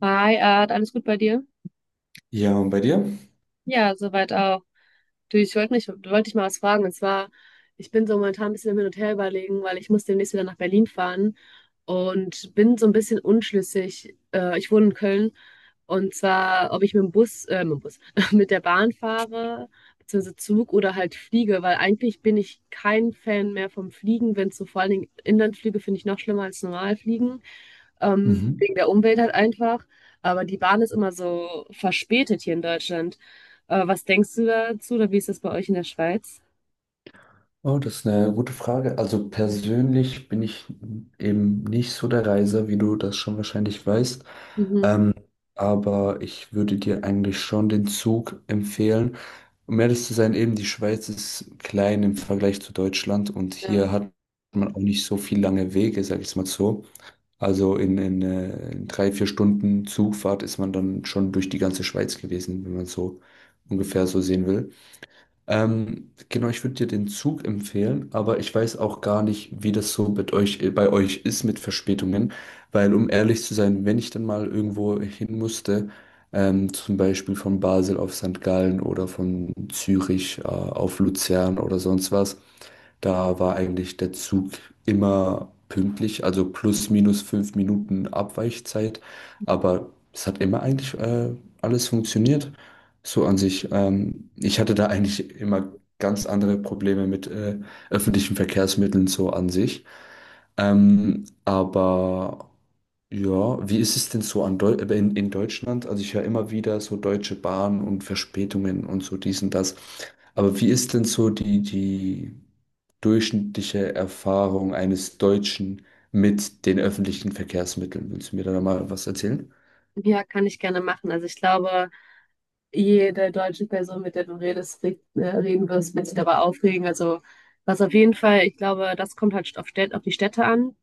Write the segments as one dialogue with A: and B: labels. A: Hi, Art, alles gut bei dir?
B: Ja, und bei dir?
A: Ja, soweit auch. Du, wollte dich mal was fragen. Und zwar, ich bin so momentan ein bisschen im Hin und Her überlegen, weil ich muss demnächst wieder nach Berlin fahren und bin so ein bisschen unschlüssig. Ich wohne in Köln und zwar, ob ich mit dem Bus, mit der Bahn fahre, beziehungsweise Zug oder halt fliege, weil eigentlich bin ich kein Fan mehr vom Fliegen, wenn es so vor allen Dingen Inlandflüge finde ich noch schlimmer als normal fliegen.
B: Mhm.
A: Wegen der Umwelt halt einfach. Aber die Bahn ist immer so verspätet hier in Deutschland. Was denkst du dazu oder wie ist das bei euch in der Schweiz?
B: Oh, das ist eine gute Frage. Also persönlich bin ich eben nicht so der Reiser, wie du das schon wahrscheinlich weißt.
A: Mhm.
B: Ähm, aber ich würde dir eigentlich schon den Zug empfehlen. Um ehrlich zu sein, eben die Schweiz ist klein im Vergleich zu Deutschland und
A: Ja.
B: hier hat man auch nicht so viel lange Wege, sag ich es mal so. Also in 3, 4 Stunden Zugfahrt ist man dann schon durch die ganze Schweiz gewesen, wenn man so ungefähr so sehen will. Genau, ich würde dir den Zug empfehlen, aber ich weiß auch gar nicht, wie das so bei euch ist mit Verspätungen, weil um ehrlich zu sein, wenn ich dann mal irgendwo hin musste, zum Beispiel von Basel auf St. Gallen oder von Zürich, auf Luzern oder sonst was, da war eigentlich der Zug immer pünktlich, also plus minus 5 Minuten Abweichzeit. Aber es hat immer eigentlich alles funktioniert. So an sich. Ich hatte da eigentlich immer ganz andere Probleme mit öffentlichen Verkehrsmitteln so an sich. Aber ja, wie ist es denn so in Deutschland? Also ich höre immer wieder so Deutsche Bahn und Verspätungen und so dies und das. Aber wie ist denn so die durchschnittliche Erfahrung eines Deutschen mit den öffentlichen Verkehrsmitteln? Willst du mir da mal was erzählen?
A: Ja, kann ich gerne machen. Also ich glaube, jede deutsche Person, mit der du redest, reden wirst, wird sich dabei aufregen. Also was auf jeden Fall, ich glaube, das kommt halt auf auf die Städte an.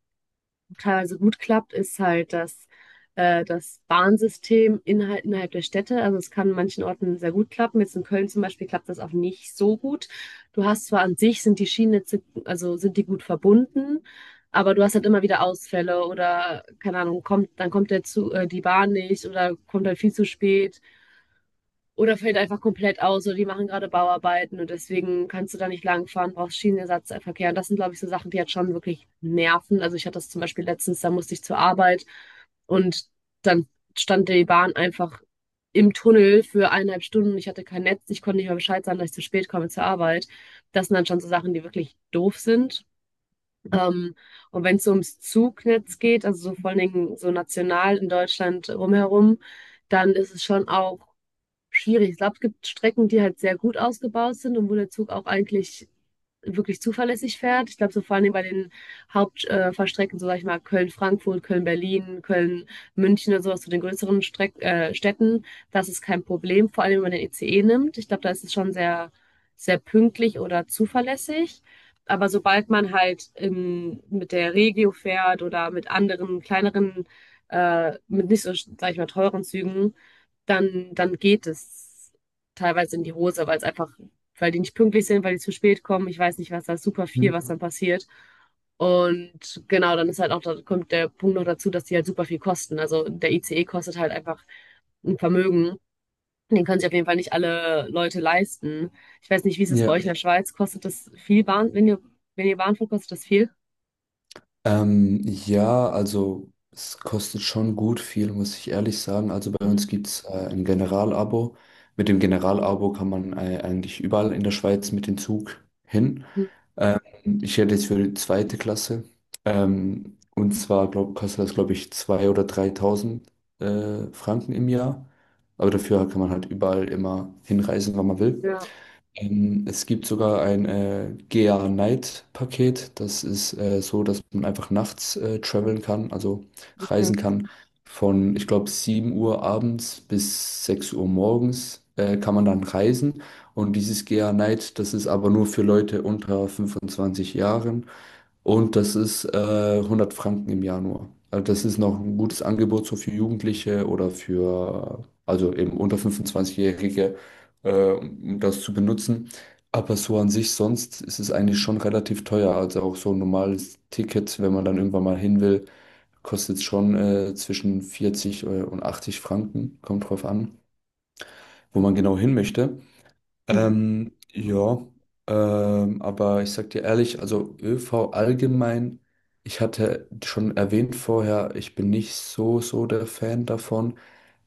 A: Teilweise gut klappt, ist halt das, das Bahnsystem innerhalb der Städte. Also es kann an manchen Orten sehr gut klappen. Jetzt in Köln zum Beispiel klappt das auch nicht so gut. Du hast zwar an sich sind die Schienennetze, also sind die gut verbunden, aber du hast halt immer wieder Ausfälle oder keine Ahnung, dann kommt die Bahn nicht oder kommt halt viel zu spät. Oder fällt einfach komplett aus oder die machen gerade Bauarbeiten und deswegen kannst du da nicht langfahren, brauchst Schienenersatzverkehr. Und das sind, glaube ich, so Sachen, die halt schon wirklich nerven. Also ich hatte das zum Beispiel letztens, da musste ich zur Arbeit und dann stand die Bahn einfach im Tunnel für eineinhalb Stunden. Ich hatte kein Netz, ich konnte nicht mal Bescheid sagen, dass ich zu spät komme zur Arbeit. Das sind dann schon so Sachen, die wirklich doof sind. Ähm, und wenn es so ums Zugnetz geht, also so vor allen Dingen so national in Deutschland rumherum, dann ist es schon auch schwierig. Ich glaube, es gibt Strecken, die halt sehr gut ausgebaut sind und wo der Zug auch eigentlich wirklich zuverlässig fährt. Ich glaube, so vor allem bei den Fahrstrecken, so sag ich mal Köln-Frankfurt, Köln-Berlin, Köln-München oder sowas, zu den größeren Streck Städten, das ist kein Problem, vor allem wenn man den ICE nimmt. Ich glaube, da ist es schon sehr, sehr pünktlich oder zuverlässig. Aber sobald man halt mit der Regio fährt oder mit anderen kleineren, mit nicht so, sag ich mal, teuren Zügen, dann geht es teilweise in die Hose, weil die nicht pünktlich sind, weil die zu spät kommen. Ich weiß nicht, was da ist super viel,
B: Mhm.
A: was dann passiert. Und genau, dann ist halt auch, da kommt der Punkt noch dazu, dass die halt super viel kosten. Also der ICE kostet halt einfach ein Vermögen. Den können sich auf jeden Fall nicht alle Leute leisten. Ich weiß nicht, wie ist es bei
B: Ja.
A: euch in der Schweiz? Kostet das viel Bahn, wenn ihr Bahn fahrt, kostet das viel?
B: Ja, also es kostet schon gut viel, muss ich ehrlich sagen. Also bei
A: Mhm.
B: uns gibt es ein Generalabo. Mit dem Generalabo kann man eigentlich überall in der Schweiz mit dem Zug hin. Ähm, ich hätte jetzt für die zweite Klasse. Und zwar glaub, kostet das, glaube ich, 2.000 oder 3.000 Franken im Jahr. Aber dafür kann man halt überall immer hinreisen, wann man will.
A: Ja,
B: Es gibt sogar ein GA Night Paket. Das ist so, dass man einfach nachts traveln kann, also reisen
A: okay.
B: kann. Von, ich glaube, 7 Uhr abends bis 6 Uhr morgens kann man dann reisen. Und dieses GA Night, das ist aber nur für Leute unter 25 Jahren. Und das ist 100 Franken im Jahr nur. Also das ist noch ein gutes Angebot so für Jugendliche oder für, also eben unter 25-Jährige, um das zu benutzen. Aber so an sich sonst ist es eigentlich schon relativ teuer. Also auch so ein normales Ticket, wenn man dann irgendwann mal hin will, kostet schon zwischen 40 und 80 Franken, kommt drauf an, wo man genau hin möchte.
A: Mhm.
B: Ja, aber ich sag dir ehrlich, also ÖV allgemein, ich hatte schon erwähnt vorher, ich bin nicht so der Fan davon.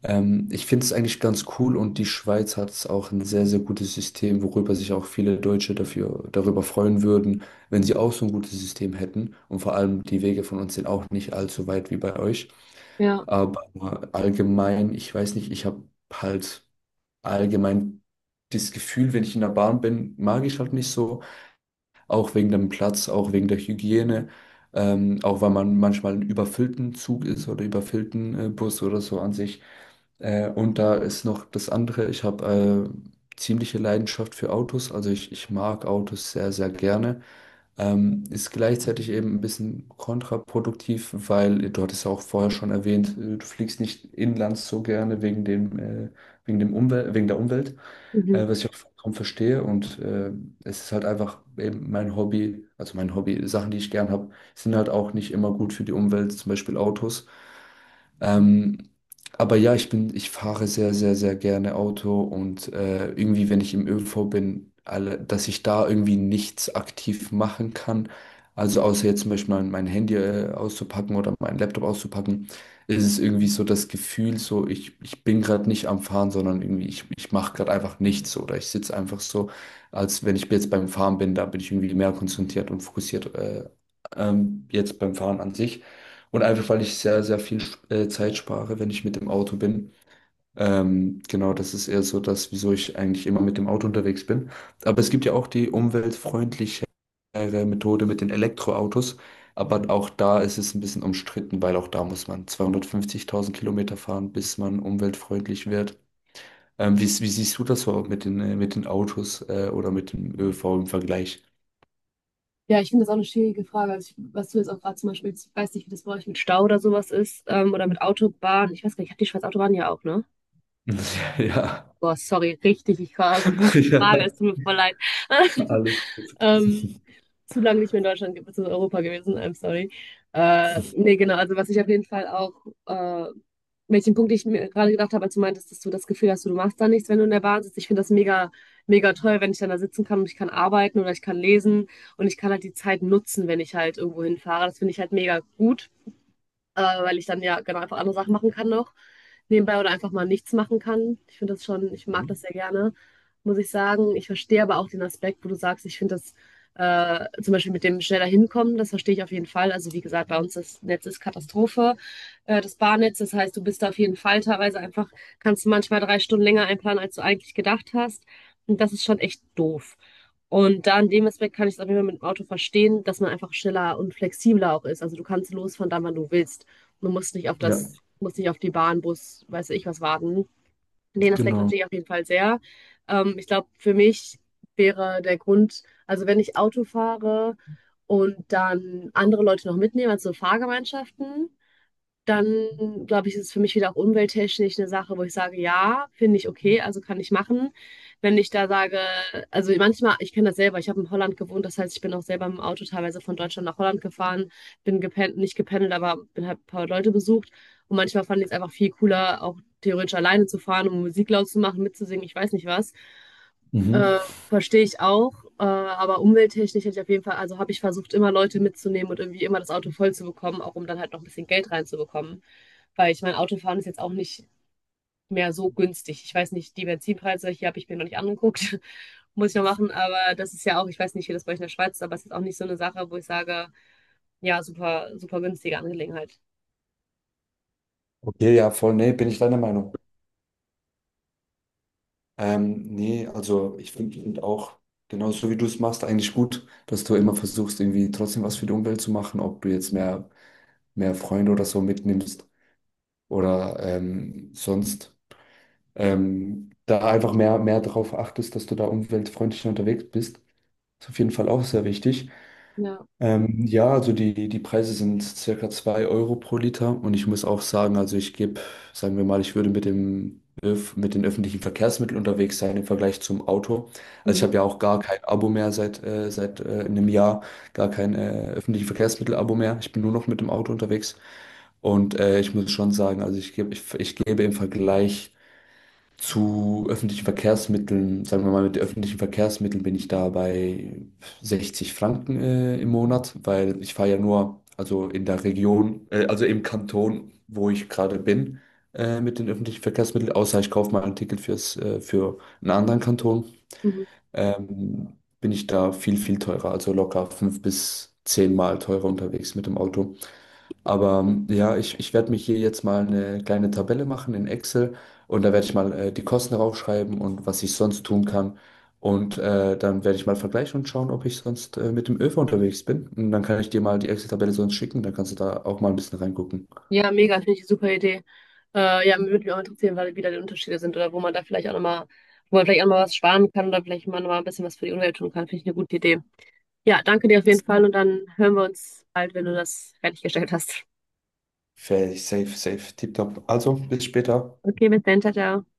B: Ich finde es eigentlich ganz cool und die Schweiz hat auch ein sehr, sehr gutes System, worüber sich auch viele Deutsche dafür, darüber freuen würden, wenn sie auch so ein gutes System hätten. Und vor allem die Wege von uns sind auch nicht allzu weit wie bei euch.
A: Ja.
B: Aber allgemein, ich weiß nicht, ich habe halt allgemein das Gefühl, wenn ich in der Bahn bin, mag ich halt nicht so. Auch wegen dem Platz, auch wegen der Hygiene, auch weil man manchmal einen überfüllten Zug ist oder überfüllten Bus oder so an sich. Und da ist noch das andere, ich habe ziemliche Leidenschaft für Autos, also ich mag Autos sehr, sehr gerne. Ist gleichzeitig eben ein bisschen kontraproduktiv, weil du hattest ja auch vorher schon erwähnt, du fliegst nicht inlands so gerne äh, wegen der Umwelt
A: Mhm.
B: was ich auch vollkommen verstehe. Und es ist halt einfach eben mein Hobby, also mein Hobby, Sachen, die ich gern habe, sind halt auch nicht immer gut für die Umwelt, zum Beispiel Autos. Ähm, aber ja, ich fahre sehr, sehr, sehr gerne Auto und irgendwie, wenn ich im ÖV bin, alle, dass ich da irgendwie nichts aktiv machen kann. Also außer jetzt zum Beispiel mein Handy auszupacken oder meinen Laptop auszupacken, ist es irgendwie so das Gefühl, so ich bin gerade nicht am Fahren, sondern irgendwie ich mache gerade einfach nichts oder ich sitze einfach so, als wenn ich jetzt beim Fahren bin, da bin ich irgendwie mehr konzentriert und fokussiert jetzt beim Fahren an sich. Und einfach, weil ich sehr, sehr viel Zeit spare, wenn ich mit dem Auto bin. Genau, das ist eher so das, wieso ich eigentlich immer mit dem Auto unterwegs bin. Aber es gibt ja auch die umweltfreundlichere Methode mit den Elektroautos. Aber auch da ist es ein bisschen umstritten, weil auch da muss man 250.000 Kilometer fahren, bis man umweltfreundlich wird. Wie siehst du das so mit den Autos oder mit dem ÖV im Vergleich?
A: Ja, ich finde das auch eine schwierige Frage. Also ich, was du jetzt auch gerade zum Beispiel, ich weiß nicht, wie das bei euch mit Stau oder sowas ist, oder mit Autobahn. Ich weiß gar nicht, ich habe die Schweiz Autobahn ja auch, ne?
B: Ja,
A: Boah, sorry, richtig, was für eine Frage,
B: ja,
A: es tut mir voll leid.
B: alles.
A: Ähm, zu lange nicht mehr in Deutschland, beziehungsweise Europa gewesen, I'm sorry. Nee, genau, also was ich auf jeden Fall auch, äh, welchen Punkt ich mir gerade gedacht habe, als du meintest, dass du das Gefühl hast, du machst da nichts, wenn du in der Bahn sitzt. Ich finde das mega, mega toll, wenn ich dann da sitzen kann und ich kann arbeiten oder ich kann lesen und ich kann halt die Zeit nutzen, wenn ich halt irgendwo hinfahre. Das finde ich halt mega gut, weil ich dann ja genau einfach andere Sachen machen kann noch. Nebenbei oder einfach mal nichts machen kann. Ich finde das schon, ich mag
B: Mhm.
A: das sehr gerne, muss ich sagen. Ich verstehe aber auch den Aspekt, wo du sagst, ich finde das, zum Beispiel mit dem schneller hinkommen, das verstehe ich auf jeden Fall. Also wie gesagt, bei uns das Netz ist Katastrophe, das Bahnnetz. Das heißt, du bist da auf jeden Fall teilweise einfach, kannst du manchmal drei Stunden länger einplanen, als du eigentlich gedacht hast. Und das ist schon echt doof. Und da in dem Aspekt kann ich es auf jeden Fall mit dem Auto verstehen, dass man einfach schneller und flexibler auch ist. Also du kannst los von da, wann du willst. Man muss nicht auf
B: Ja,
A: das, muss nicht auf die Bahn, Bus, weiß ich was warten. Den Aspekt
B: genau.
A: verstehe ich auf jeden Fall sehr. Ich glaube, für mich wäre der Grund, also wenn ich Auto fahre und dann andere Leute noch mitnehme, also Fahrgemeinschaften, dann glaube ich, ist es für mich wieder auch umwelttechnisch eine Sache, wo ich sage, ja, finde ich okay, also kann ich machen. Wenn ich da sage, also manchmal, ich kenne das selber, ich habe in Holland gewohnt, das heißt, ich bin auch selber im Auto teilweise von Deutschland nach Holland gefahren, bin gepen nicht gependelt, aber bin halt ein paar Leute besucht und manchmal fand ich es einfach viel cooler, auch theoretisch alleine zu fahren, um Musik laut zu machen, mitzusingen, ich weiß nicht was.
B: Mhm.
A: Äh, Verstehe ich auch, aber umwelttechnisch hätte ich auf jeden Fall, also habe ich versucht, immer Leute mitzunehmen und irgendwie immer das Auto voll zu bekommen, auch um dann halt noch ein bisschen Geld reinzubekommen. Weil ich meine, Autofahren ist jetzt auch nicht mehr so günstig. Ich weiß nicht, die Benzinpreise, hier habe ich mir noch nicht angeguckt, muss ich noch machen, aber das ist ja auch, ich weiß nicht, wie das bei euch in der Schweiz ist, aber es ist auch nicht so eine Sache, wo ich sage, ja, super, super günstige Angelegenheit.
B: Okay, ja, voll, nee, bin ich deiner Meinung. Nee, also ich finde find find auch, genauso wie du es machst, eigentlich gut, dass du immer versuchst, irgendwie trotzdem was für die Umwelt zu machen, ob du jetzt mehr, mehr Freunde oder so mitnimmst oder sonst da einfach mehr, mehr darauf achtest, dass du da umweltfreundlich unterwegs bist. Ist auf jeden Fall auch sehr wichtig.
A: Ja,
B: Ja, also die Preise sind circa 2 Euro pro Liter und ich muss auch sagen, also ich gebe, sagen wir mal, ich würde mit den öffentlichen Verkehrsmitteln unterwegs sein im Vergleich zum Auto. Also ich
A: mhm.
B: habe ja auch gar kein Abo mehr seit einem Jahr, gar kein öffentliches Verkehrsmittel-Abo mehr. Ich bin nur noch mit dem Auto unterwegs und ich muss schon sagen, also ich gebe im Vergleich zu öffentlichen Verkehrsmitteln, sagen wir mal, mit öffentlichen Verkehrsmitteln bin ich da bei 60 Franken im Monat, weil ich fahre ja nur, also in der Region, also im Kanton, wo ich gerade bin, mit den öffentlichen Verkehrsmitteln, außer ich kaufe mal ein Ticket für einen anderen Kanton,
A: Mhm.
B: ähm, bin ich da viel, viel teurer, also locker 5 bis 10 Mal teurer unterwegs mit dem Auto. Aber ja, ich werde mich hier jetzt mal eine kleine Tabelle machen in Excel und da werde ich mal die Kosten draufschreiben und was ich sonst tun kann. Und dann werde ich mal vergleichen und schauen, ob ich sonst mit dem ÖV unterwegs bin. Und dann kann ich dir mal die Excel-Tabelle sonst schicken, dann kannst du da auch mal ein bisschen reingucken.
A: Ja, mega, finde ich eine super Idee. Ja, würde mich auch interessieren, wie da die Unterschiede sind oder wo man da vielleicht auch nochmal, wo man vielleicht auch nochmal was sparen kann oder vielleicht man nochmal ein bisschen was für die Umwelt tun kann, finde ich eine gute Idee. Ja, danke dir auf jeden Fall und dann hören wir uns bald, wenn du das fertiggestellt hast.
B: Safe, safe, safe, tipptopp. Also, bis später.
A: Okay, bis dann, ciao, ciao.